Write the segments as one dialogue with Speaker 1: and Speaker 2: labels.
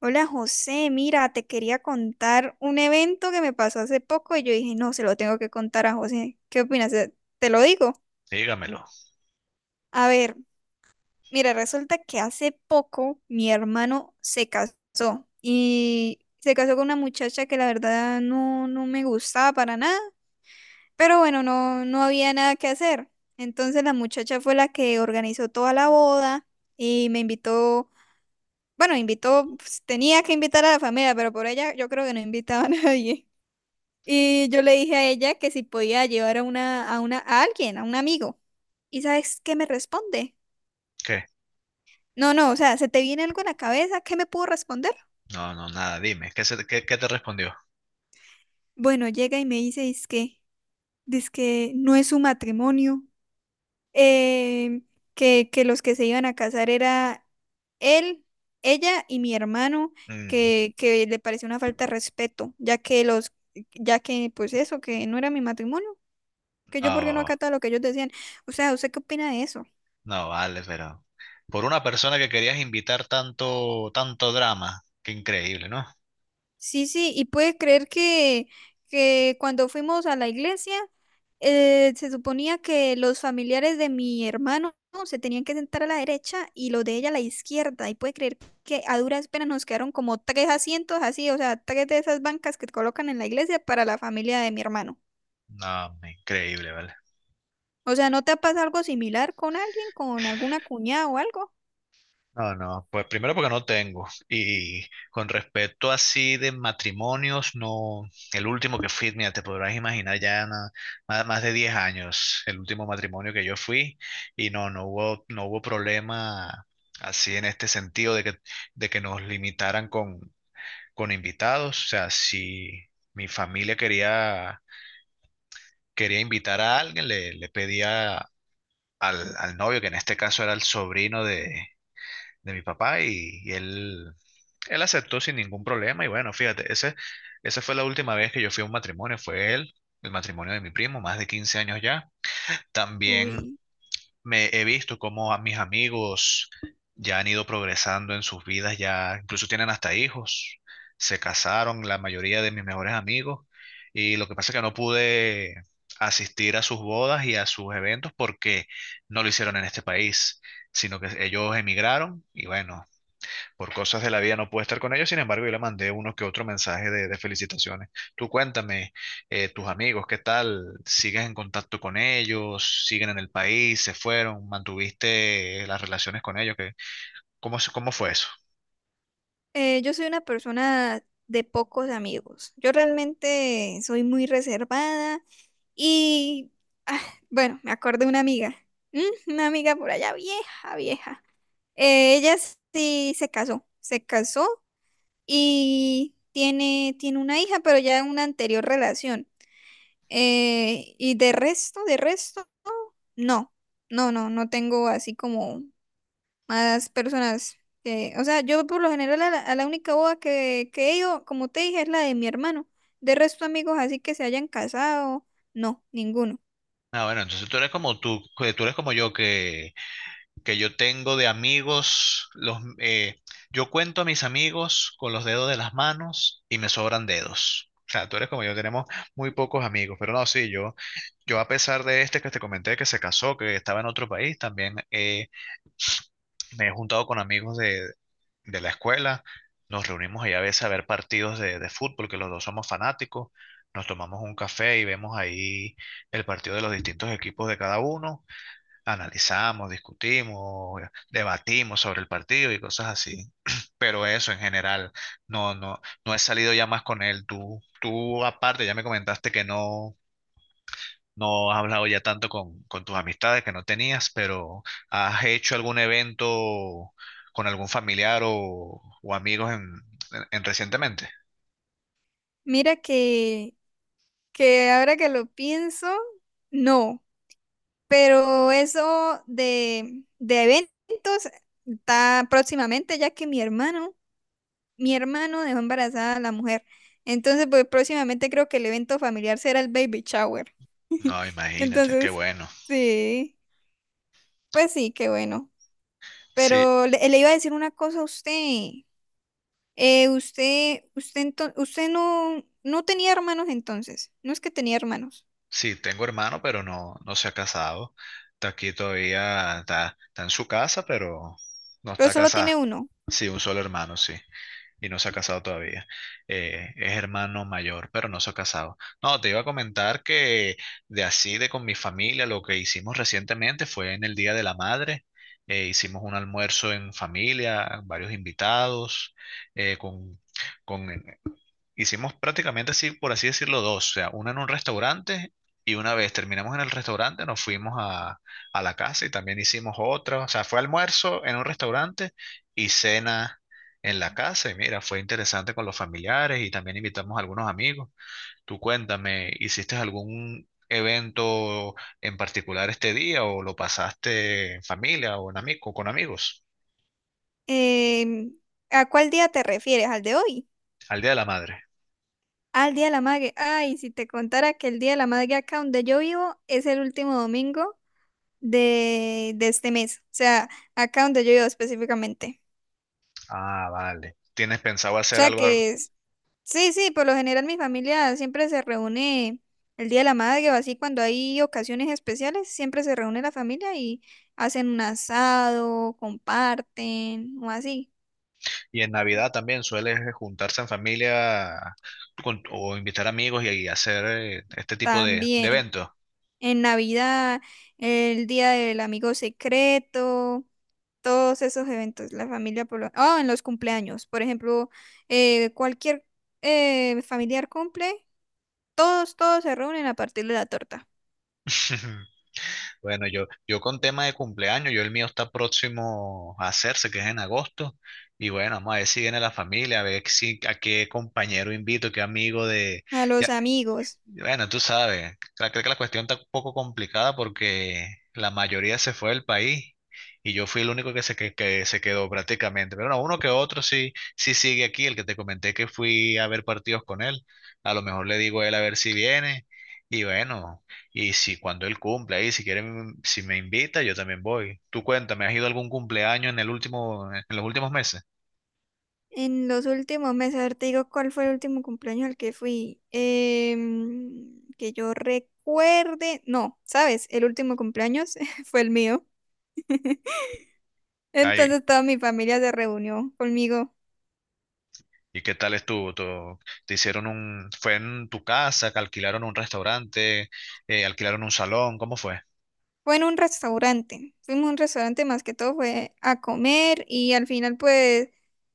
Speaker 1: Hola José, mira, te quería contar un evento que me pasó hace poco y yo dije, no, se lo tengo que contar a José. ¿Qué opinas? Te lo digo.
Speaker 2: Dígamelo.
Speaker 1: A ver, mira, resulta que hace poco mi hermano se casó y se casó con una muchacha que la verdad no me gustaba para nada, pero bueno, no había nada que hacer. Entonces la muchacha fue la que organizó toda la boda y me invitó, bueno, invitó, pues, tenía que invitar a la familia, pero por ella yo creo que no invitaba a nadie. Y yo le dije a ella que si podía llevar a una, a alguien, a un amigo. ¿Y sabes qué me responde?
Speaker 2: ¿Qué?
Speaker 1: No, no, o sea, ¿se te viene algo a la cabeza? ¿Qué me puedo responder?
Speaker 2: No, no, nada, dime. ¿Qué, qué te respondió?
Speaker 1: Bueno, llega y me dice, es que no es su matrimonio, eh, que los que se iban a casar era él, ella y mi hermano,
Speaker 2: Mm,
Speaker 1: que le pareció una falta de respeto, ya que ya que, pues eso, que no era mi matrimonio, que yo porque no
Speaker 2: no,
Speaker 1: acataba lo que ellos decían. O sea, ¿usted qué opina de eso?
Speaker 2: no vale, pero por una persona que querías invitar, tanto, tanto drama, qué increíble, ¿no?
Speaker 1: Sí, sí, y puede creer que cuando fuimos a la iglesia, se suponía que los familiares de mi hermano se tenían que sentar a la derecha y los de ella a la izquierda. Y puede creer que a duras penas nos quedaron como tres asientos así, o sea, tres de esas bancas que colocan en la iglesia para la familia de mi hermano.
Speaker 2: No, increíble, ¿vale?
Speaker 1: O sea, ¿no te ha pasado algo similar con alguien, con alguna cuñada o algo?
Speaker 2: No, no, pues primero porque no tengo. Y con respecto así de matrimonios, no, el último que fui, mira, te podrás imaginar ya más, más de 10 años, el último matrimonio que yo fui, y no, no hubo problema así en este sentido de que nos limitaran con invitados. O sea, si mi familia quería invitar a alguien, le pedía al novio, que en este caso era el sobrino de mi papá y, él aceptó sin ningún problema. Y bueno, fíjate, esa fue la última vez que yo fui a un matrimonio, el matrimonio de mi primo, más de 15 años ya. También
Speaker 1: Uy.
Speaker 2: me he visto cómo a mis amigos ya han ido progresando en sus vidas, ya incluso tienen hasta hijos, se casaron, la mayoría de mis mejores amigos. Y lo que pasa es que no pude asistir a sus bodas y a sus eventos porque no lo hicieron en este país, sino que ellos emigraron y bueno, por cosas de la vida no pude estar con ellos. Sin embargo, yo le mandé uno que otro mensaje de felicitaciones. Tú cuéntame, tus amigos, ¿qué tal? ¿Sigues en contacto con ellos? ¿Siguen en el país? ¿Se fueron? ¿Mantuviste las relaciones con ellos? Cómo fue eso?
Speaker 1: Yo soy una persona de pocos amigos. Yo realmente soy muy reservada y, ah, bueno, me acordé de una amiga, ¿m? Una amiga por allá vieja, vieja. Ella sí se casó y tiene una hija, pero ya en una anterior relación. Y de resto, no, no tengo así como más personas. Que, o sea, yo por lo general a a la única boda que he ido, como te dije, es la de mi hermano. De resto, amigos así que se hayan casado, no, ninguno.
Speaker 2: Ah, bueno, entonces tú eres como yo, que yo tengo de amigos, yo cuento a mis amigos con los dedos de las manos y me sobran dedos. O sea, tú eres como yo, tenemos muy pocos amigos, pero no, sí, yo, a pesar de este que te comenté que se casó, que estaba en otro país, también me he juntado con amigos de la escuela, nos reunimos ahí a veces a ver partidos de fútbol, que los dos somos fanáticos, nos tomamos un café y vemos ahí el partido de los distintos equipos de cada uno, analizamos, discutimos, debatimos sobre el partido y cosas así. Pero eso en general, no, no, no he salido ya más con él. Tú aparte, ya me comentaste que no, no has hablado ya tanto con tus amistades que no tenías, pero ¿has hecho algún evento con algún familiar o amigos en recientemente?
Speaker 1: Mira que ahora que lo pienso, no. Pero eso de eventos está próximamente, ya que mi hermano dejó embarazada a la mujer. Entonces, pues próximamente creo que el evento familiar será el baby shower.
Speaker 2: No, imagínate, qué
Speaker 1: Entonces,
Speaker 2: bueno.
Speaker 1: sí. Pues sí, qué bueno.
Speaker 2: Sí,
Speaker 1: Pero le iba a decir una cosa a usted. Usted no, no tenía hermanos entonces. No es que tenía hermanos,
Speaker 2: sí, tengo hermano, pero no, no se ha casado. Está aquí todavía, está en su casa, pero no
Speaker 1: pero
Speaker 2: está
Speaker 1: solo tiene
Speaker 2: casada.
Speaker 1: uno.
Speaker 2: Sí, un solo hermano, sí. Y no se ha casado todavía. Es hermano mayor, pero no se ha casado. No, te iba a comentar que de así, de con mi familia, lo que hicimos recientemente fue en el Día de la Madre. Hicimos un almuerzo en familia, varios invitados, eh, con, con hicimos prácticamente así, por así decirlo, dos, o sea, una en un restaurante, y una vez terminamos en el restaurante nos fuimos a la casa y también hicimos otra. O sea, fue almuerzo en un restaurante y cena en la casa, y mira, fue interesante con los familiares y también invitamos a algunos amigos. Tú cuéntame, ¿hiciste algún evento en particular este día, o lo pasaste en familia o en o con amigos?
Speaker 1: Em, ¿A cuál día te refieres? ¿Al de hoy?
Speaker 2: Al Día de la Madre.
Speaker 1: Al Día de la Madre. Ay, si te contara que el Día de la Madre acá donde yo vivo es el último domingo de este mes. O sea, acá donde yo vivo específicamente.
Speaker 2: Ah, vale. ¿Tienes pensado
Speaker 1: O
Speaker 2: hacer
Speaker 1: sea
Speaker 2: algo?
Speaker 1: que sí, sí, por lo general mi familia siempre se reúne el Día de la Madre o así cuando hay ocasiones especiales, siempre se reúne la familia y hacen un asado, comparten o así.
Speaker 2: Y en Navidad también suele juntarse en familia o invitar amigos y hacer este tipo de
Speaker 1: También
Speaker 2: eventos.
Speaker 1: en Navidad, el Día del Amigo Secreto, todos esos eventos, la familia por lo... Oh, en los cumpleaños, por ejemplo, cualquier familiar cumple, todos se reúnen a partir de la torta,
Speaker 2: Bueno, yo con tema de cumpleaños, yo el mío está próximo a hacerse, que es en agosto. Y bueno, vamos a ver si viene la familia, a ver si, a qué compañero invito, qué amigo de...
Speaker 1: a los
Speaker 2: ya-
Speaker 1: amigos.
Speaker 2: Bueno, tú sabes, creo que la cuestión está un poco complicada porque la mayoría se fue del país y yo fui el único que se quedó prácticamente. Pero no, uno que otro sí, sí sigue aquí, el que te comenté que fui a ver partidos con él. A lo mejor le digo a él a ver si viene, y bueno, y si cuando él cumple ahí, si quiere, mm, si me invita, yo también voy. Tú cuéntame, ¿has ido a algún cumpleaños en el último, en los últimos meses?
Speaker 1: En los últimos meses, a ver, te digo cuál fue el último cumpleaños al que fui. Que yo recuerde, no, ¿sabes? El último cumpleaños fue el mío.
Speaker 2: Ay,
Speaker 1: Entonces toda mi familia se reunió conmigo.
Speaker 2: ¿y qué tal estuvo? ¿Tú- ¿te hicieron un... ¿fue en tu casa? ¿Que alquilaron un restaurante? ¿Alquilaron un salón? ¿Cómo fue?
Speaker 1: Fue en un restaurante. Fuimos a un restaurante más que todo, fue a comer y al final pues,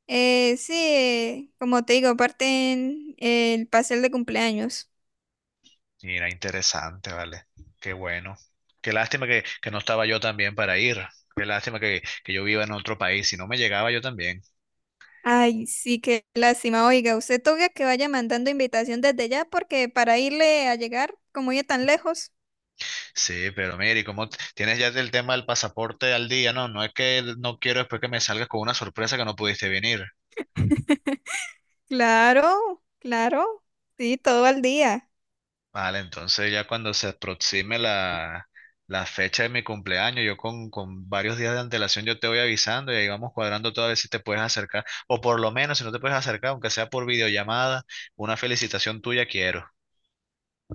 Speaker 1: sí, como te digo, parten el pastel de cumpleaños.
Speaker 2: Mira, interesante, vale. Qué bueno. Qué lástima que no estaba yo también para ir. Qué lástima que yo viva en otro país. Si no, me llegaba yo también.
Speaker 1: Ay, sí, qué lástima. Oiga, usted toca que vaya mandando invitación desde ya porque para irle a llegar, como ya tan lejos.
Speaker 2: Sí, pero mira, ¿y cómo tienes ya el tema del pasaporte al día? No, no es que no quiero después que me salgas con una sorpresa que no pudiste venir.
Speaker 1: Claro, claro. Sí, todo al día.
Speaker 2: Vale, entonces ya cuando se aproxime la fecha de mi cumpleaños, yo con varios días de antelación yo te voy avisando, y ahí vamos cuadrando todo a ver si te puedes acercar, o por lo menos si no te puedes acercar, aunque sea por videollamada, una felicitación tuya quiero.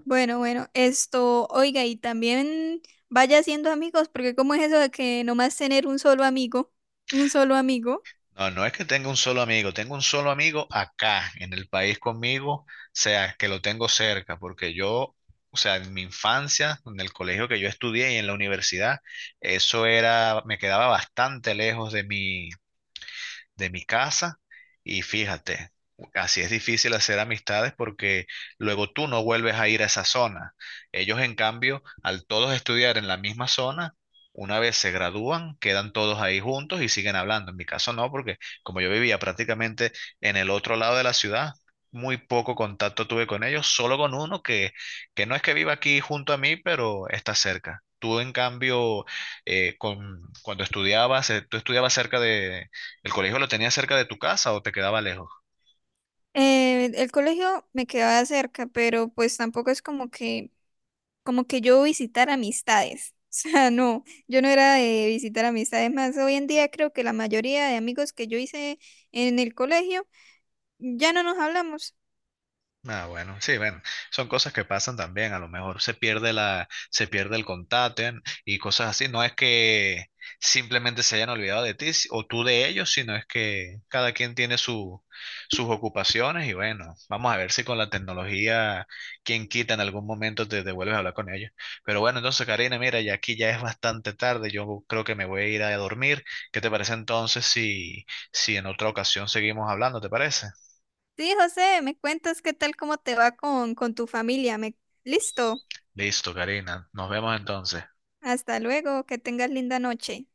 Speaker 1: Bueno, bueno, esto, oiga, y también vaya haciendo amigos, porque cómo es eso de que nomás tener un solo amigo, un solo amigo.
Speaker 2: No, no es que tenga un solo amigo, tengo un solo amigo acá en el país conmigo, o sea, que lo tengo cerca, porque yo, o sea, en mi infancia, en el colegio que yo estudié y en la universidad, eso era, me quedaba bastante lejos de mi casa, y fíjate, así es difícil hacer amistades porque luego tú no vuelves a ir a esa zona. Ellos, en cambio, al todos estudiar en la misma zona, una vez se gradúan, quedan todos ahí juntos y siguen hablando. En mi caso no, porque como yo vivía prácticamente en el otro lado de la ciudad, muy poco contacto tuve con ellos, solo con uno que no es que viva aquí junto a mí, pero está cerca. Tú, en cambio, cuando estudiabas, tú estudiabas cerca de, ¿el colegio lo tenías cerca de tu casa o te quedaba lejos?
Speaker 1: El colegio me quedaba cerca, pero pues tampoco es como que yo visitar amistades. O sea, no, yo no era de visitar amistades más. Hoy en día creo que la mayoría de amigos que yo hice en el colegio ya no nos hablamos.
Speaker 2: Ah, bueno, sí, bueno, son cosas que pasan también, a lo mejor se pierde se pierde el contacto y cosas así, no es que simplemente se hayan olvidado de ti o tú de ellos, sino es que cada quien tiene sus ocupaciones, y bueno, vamos a ver si con la tecnología, quien quita en algún momento te vuelves a hablar con ellos. Pero bueno, entonces Karina, mira, ya aquí ya es bastante tarde, yo creo que me voy a ir a dormir. ¿Qué te parece entonces si, si en otra ocasión seguimos hablando, te parece?
Speaker 1: Sí, José, me cuentas qué tal, cómo te va con tu familia. Me... Listo,
Speaker 2: Listo, Karina. Nos vemos entonces.
Speaker 1: hasta luego, que tengas linda noche.